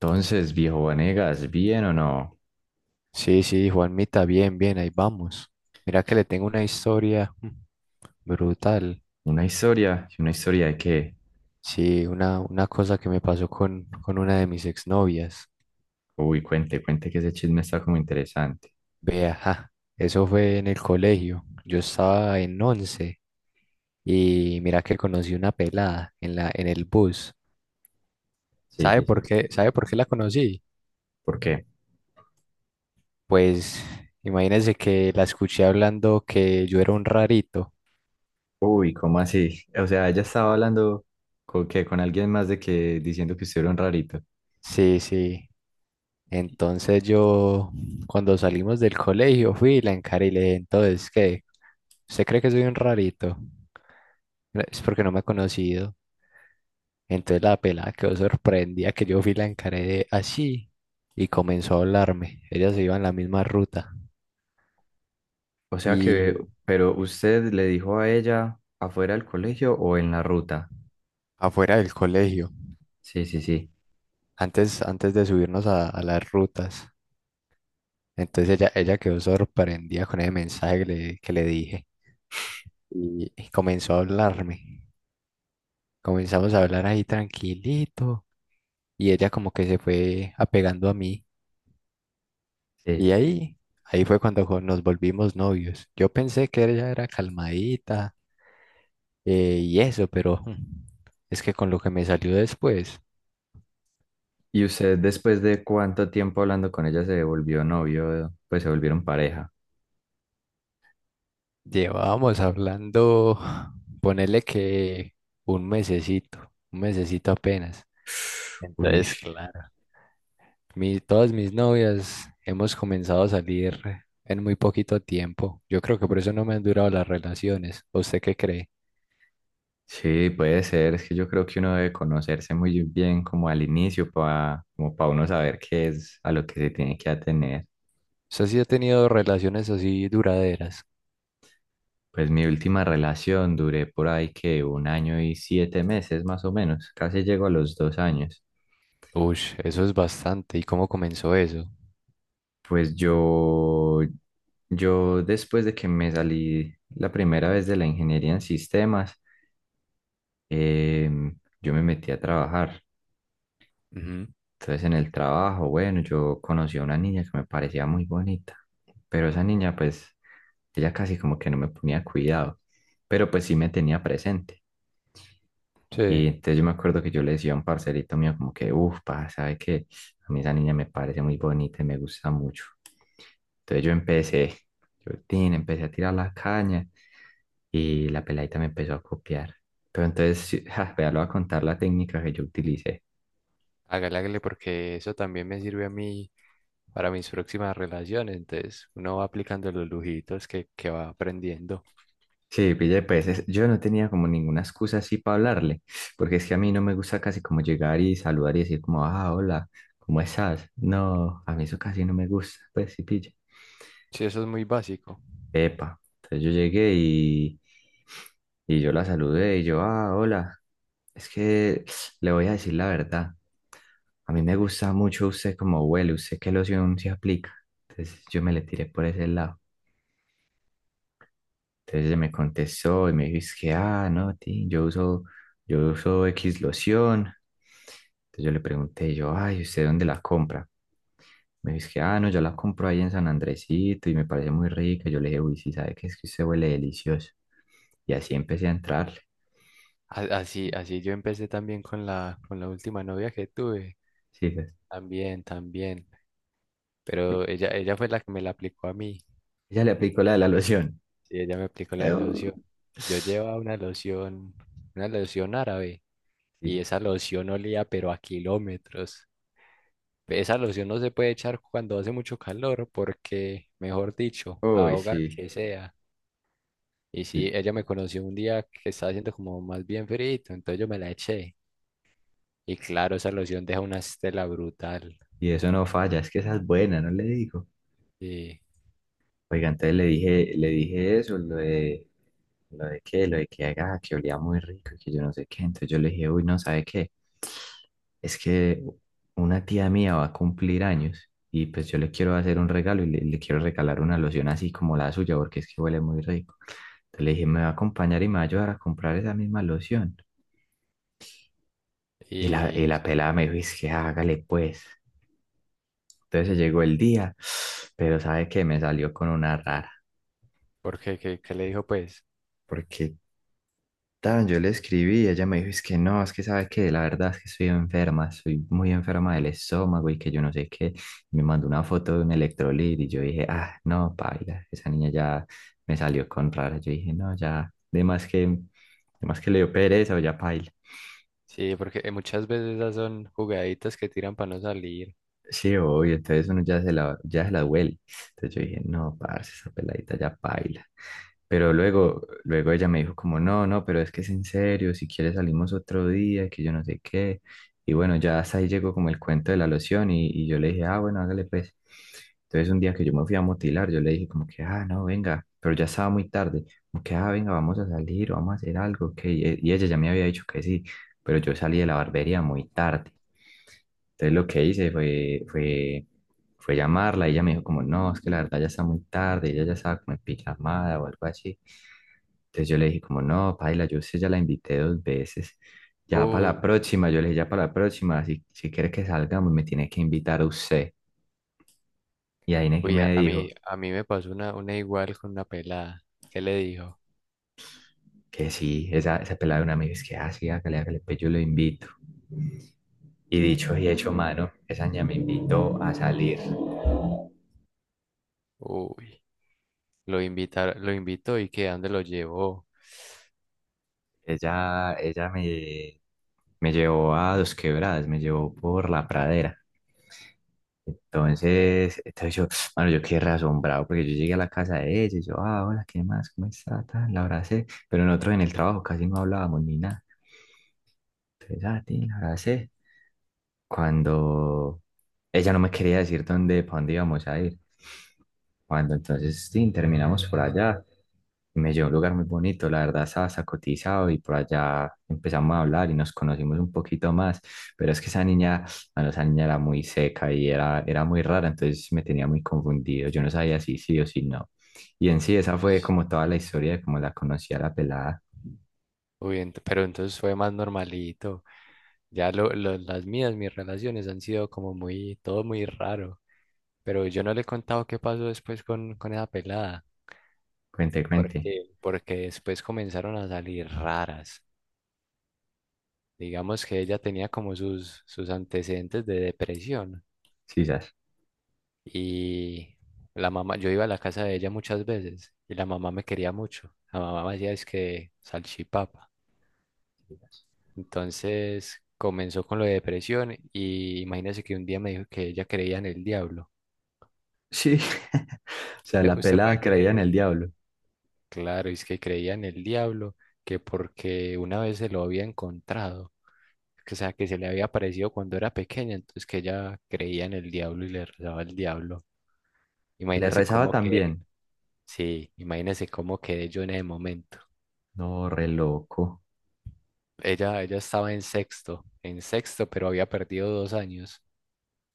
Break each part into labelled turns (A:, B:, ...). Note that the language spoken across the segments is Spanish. A: Entonces, viejo Vanegas, ¿bien o no?
B: Sí, sí, Juanmita, bien, bien, ahí vamos. Mira que le tengo una historia brutal.
A: Una historia, ¿y una historia de qué?
B: Sí, una cosa que me pasó con una de mis exnovias.
A: Uy, cuente, cuente que ese chisme está como interesante.
B: Vea, ajá. Eso fue en el colegio. Yo estaba en once y mira que conocí una pelada en el bus.
A: Sí,
B: ¿Sabe
A: sí,
B: por
A: sí.
B: qué? ¿Sabe por qué la conocí?
A: ¿Por qué?
B: Pues imagínense que la escuché hablando que yo era un rarito.
A: Uy, ¿cómo así? O sea, ella estaba hablando con que con alguien más de que diciendo que usted era un rarito.
B: Sí, sí. Entonces yo, cuando salimos del colegio, fui y la encaré y le dije, entonces, ¿qué? ¿Usted cree que soy un rarito? "No, es porque no me ha conocido. Entonces la pelada quedó sorprendida que yo fui y la encaré de así y comenzó a hablarme. Ella se iba en la misma ruta
A: O sea que,
B: y
A: pero usted le dijo a ella afuera del colegio o en la ruta.
B: afuera del colegio,
A: Sí, sí, sí.
B: antes de subirnos a las rutas. Entonces ella quedó sorprendida con el mensaje que le dije y comenzó a hablarme. Comenzamos a hablar ahí tranquilito. Y ella como que se fue apegando a mí
A: Sí.
B: y ahí fue cuando nos volvimos novios. Yo pensé que ella era calmadita, y eso, pero es que con lo que me salió después,
A: ¿Y usted después de cuánto tiempo hablando con ella se volvió novio? Pues se volvieron pareja.
B: llevábamos hablando, ponele que un mesecito apenas.
A: Uy.
B: Entonces, claro, todas mis novias hemos comenzado a salir en muy poquito tiempo. Yo creo que por eso no me han durado las relaciones. ¿Usted qué cree?
A: Sí, puede ser. Es que yo creo que uno debe conocerse muy bien como al inicio para como para uno saber qué es a lo que se tiene que atener.
B: ¿Usted sí ha tenido relaciones así duraderas?
A: Pues mi última relación duré por ahí que 1 año y 7 meses más o menos. Casi llego a los 2 años.
B: Uy, eso es bastante. ¿Y cómo comenzó eso?
A: Pues yo, después de que me salí la primera vez de la ingeniería en sistemas, yo me metí a trabajar.
B: Ujú.
A: Entonces en el trabajo, bueno, yo conocí a una niña que me parecía muy bonita, pero esa niña pues, ella casi como que no me ponía cuidado, pero pues sí me tenía presente. Y
B: Sí,
A: entonces yo me acuerdo que yo le decía a un parcerito mío como que, uff, pa, sabe que a mí esa niña me parece muy bonita y me gusta mucho. Entonces yo empecé, yo tin, Empecé a tirar la caña y la peladita me empezó a copiar. Pero entonces, sí, ja, vea, le voy a contar la técnica que yo utilicé.
B: hágale, hágale, porque eso también me sirve a mí para mis próximas relaciones. Entonces, uno va aplicando los lujitos que va aprendiendo.
A: Sí, pille, pues es- yo no tenía como ninguna excusa así para hablarle, porque es que a mí no me gusta casi como llegar y saludar y decir como, ah, hola, ¿cómo estás? No, a mí eso casi no me gusta, pues sí, pille.
B: Sí, eso es muy básico.
A: Epa, entonces yo llegué y yo la saludé y yo, ah, hola, es que le voy a decir la verdad, a mí me gusta mucho usted como huele, usted qué loción se aplica, entonces yo me le tiré por ese lado. Entonces ella me contestó y me dijo, es que, ah, no, ti, yo uso X loción. Entonces yo le pregunté, yo, ay, ¿usted dónde la compra? Me dijo, es que, ah, no, yo la compro ahí en San Andresito y me parece muy rica. Yo le dije, uy, sí, ¿sabe qué? Es que usted huele delicioso. Y así empecé a entrarle.
B: Así, así yo empecé también con con la última novia que tuve.
A: Sí, ¿sabes?
B: También, también. Pero ella fue la que me la aplicó a mí.
A: Ella le aplicó la de la loción.
B: Sí, ella me aplicó la de
A: Eu.
B: loción. Yo llevaba una loción árabe.
A: Sí,
B: Y
A: ¿sabes?
B: esa loción olía pero a kilómetros. Esa loción no se puede echar cuando hace mucho calor porque, mejor dicho,
A: Uy,
B: ahoga al
A: sí.
B: que sea. Y
A: Y
B: sí, ella me conoció un día que estaba haciendo como más bien frío, entonces yo me la eché. Y claro, esa loción deja una estela brutal.
A: y eso no falla, es que esa es buena, no le digo.
B: Y,
A: Oiga, entonces le dije eso, lo de qué, lo de que haga, que olía muy rico y que yo no sé qué. Entonces yo le dije, uy, no, ¿sabe qué? Es que una tía mía va a cumplir años y pues yo le quiero hacer un regalo y le quiero regalar una loción así como la suya porque es que huele muy rico. Entonces le dije, me va a acompañar y me va a ayudar a comprar esa misma loción. Y
B: y
A: la pelada me dijo, es que hágale pues. Entonces llegó el día, pero ¿sabe qué? Me salió con una rara
B: ¿Por qué? ¿Qué le dijo pues?
A: porque tan, yo le escribí y ella me dijo, es que no, es que sabe que la verdad es que estoy enferma, estoy muy enferma del estómago y que yo no sé qué. Me mandó una foto de un electrolit y yo dije, ah, no, paila, esa niña ya me salió con rara. Yo dije, no, ya, de más que le dio pereza o ya paila.
B: Sí, porque muchas veces esas son jugaditas que tiran para no salir.
A: Sí, obvio, entonces uno ya se la duele. Entonces yo dije,
B: Mm.
A: no, parce, esa peladita ya baila. Pero luego, luego ella me dijo como, no, no, pero es que es en serio, si quieres salimos otro día, que yo no sé qué. Y bueno, ya hasta ahí llegó como el cuento de la loción y yo le dije, ah, bueno, hágale pues. Entonces un día que yo me fui a motilar, yo le dije como que, ah, no, venga, pero ya estaba muy tarde, como que, ah, venga, vamos a salir, vamos a hacer algo, que y ella ya me había dicho que sí, pero yo salí de la barbería muy tarde. Entonces lo que hice fue llamarla y ella me dijo como, no, es que la verdad ya está muy tarde, ella ya estaba como en pijamada o algo así. Entonces yo le dije como, no, paila, yo sé, ya la invité 2 veces, ya para la
B: Uy,
A: próxima, yo le dije, ya para la próxima, si quiere que salgamos, me tiene que invitar a usted. Y ahí es que
B: uy,
A: me dijo
B: a mí me pasó una igual con una pelada. ¿Qué le dijo?
A: que sí, esa pelada de una amiga es que, ah, sí, hágale, hágale, pues yo lo invito. Y dicho y hecho, mano, esa niña me invitó a salir.
B: Uy. Lo invitó y que a dónde lo llevó.
A: Ella, ella me, Me llevó a Dos Quebradas, me llevó por la pradera. Entonces yo, bueno, yo quedé re asombrado porque yo llegué a la casa de ella y yo, ah, hola, ¿qué más? ¿Cómo está? Tal, la abracé, pero nosotros en el trabajo casi no hablábamos ni nada. Entonces, ah, ti, la abracé. Cuando ella no me quería decir dónde, para dónde íbamos a ir. Cuando entonces sí, terminamos por allá, me llevó a un lugar muy bonito, la verdad estaba sacotizado y por allá empezamos a hablar y nos conocimos un poquito más, pero es que esa niña, bueno, esa niña era muy seca y era muy rara, entonces me tenía muy confundido, yo no sabía si sí o si no. Y en sí, esa
B: Uy,
A: fue como toda la historia de cómo la conocí a la pelada.
B: uy, pero entonces fue más normalito. Ya mis relaciones han sido como muy, todo muy raro. Pero yo no le he contado qué pasó después con esa pelada.
A: Cuente, cuente,
B: Porque después comenzaron a salir raras. Digamos que ella tenía como sus antecedentes de depresión.
A: sí, sas.
B: Y la mamá, yo iba a la casa de ella muchas veces y la mamá me quería mucho. La mamá me hacía es que salchipapa. Entonces comenzó con lo de depresión y imagínese que un día me dijo que ella creía en el diablo.
A: Sí, o sea, la
B: ¿Usted puede
A: pelada
B: creer
A: creía en el
B: eso?
A: diablo.
B: Claro, es que creía en el diablo, que porque una vez se lo había encontrado, que, o sea, que se le había aparecido cuando era pequeña, entonces que ella creía en el diablo y le rezaba al diablo.
A: Le
B: Imagínese
A: rezaba
B: cómo que,
A: también.
B: sí, imagínese cómo quedé yo en ese momento.
A: No, re loco.
B: Ella estaba en sexto, pero había perdido 2 años.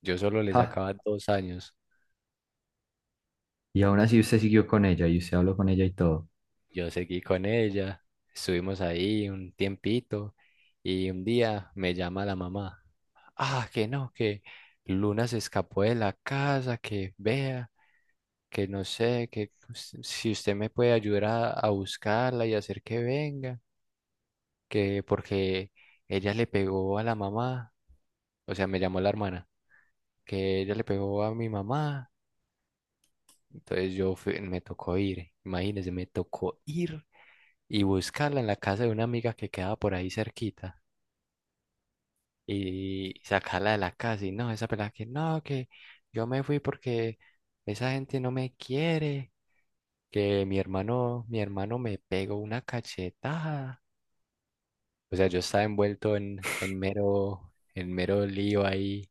B: Yo solo le
A: Ja.
B: sacaba 2 años.
A: Y aún así usted siguió con ella y usted habló con ella y todo.
B: Yo seguí con ella, estuvimos ahí un tiempito y un día me llama la mamá. Ah, que no, que Luna se escapó de la casa, que vea, que no sé, que si usted me puede ayudar a buscarla y hacer que venga, que porque ella le pegó a la mamá, o sea, me llamó la hermana, que ella le pegó a mi mamá, entonces me tocó ir, imagínese, me tocó ir y buscarla en la casa de una amiga que quedaba por ahí cerquita. Y sacarla de la casa. Y no, esa pelada que no, que yo me fui porque esa gente no me quiere, que mi hermano, me pegó una cachetada. O sea, yo estaba envuelto en mero lío ahí,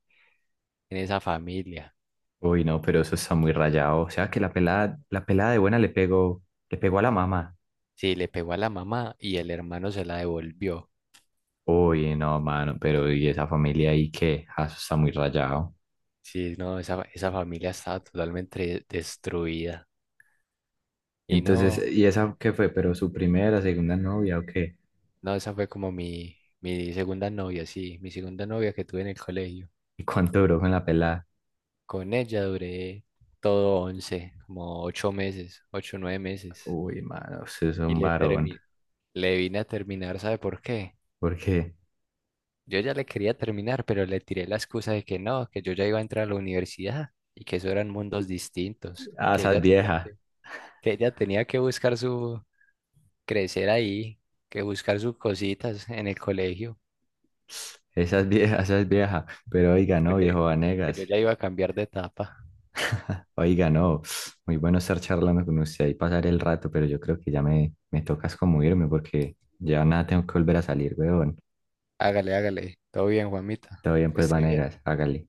B: en esa familia.
A: Uy, no, pero eso está muy rayado. O sea que la pelada de buena le pegó a la mamá.
B: Sí, le pegó a la mamá y el hermano se la devolvió.
A: Uy, no, mano, pero ¿y esa familia ahí qué? Ah, eso está muy rayado.
B: Sí, no, esa familia estaba totalmente destruida. Y
A: Entonces,
B: no,
A: ¿y esa qué fue? ¿Pero su primera, segunda novia o qué?
B: no, esa fue como mi segunda novia, sí, mi segunda novia que tuve en el colegio.
A: ¿Y cuánto duró con la pelada?
B: Con ella duré todo 11, como 8 meses, 8 o 9 meses.
A: Uy, mano, usted es
B: Y
A: un varón.
B: le vine a terminar, ¿sabe por qué?
A: ¿Por qué?
B: Yo ya le quería terminar, pero le tiré la excusa de que no, que yo ya iba a entrar a la universidad y que eso eran mundos distintos,
A: Ah, esa es vieja.
B: que ella tenía que buscar su crecer ahí, que buscar sus cositas en el colegio,
A: Esa es vieja, esa es vieja. Pero oiga, no, viejo
B: porque que yo
A: Vanegas.
B: ya iba a cambiar de etapa.
A: Oiga, no, muy bueno estar charlando con usted y pasar el rato, pero yo creo que ya me tocas como irme porque ya nada tengo que volver a salir, weón.
B: Hágale, hágale. Todo bien, Juanita.
A: Todo bien,
B: Que
A: pues,
B: esté bien.
A: Vanegas, hágale.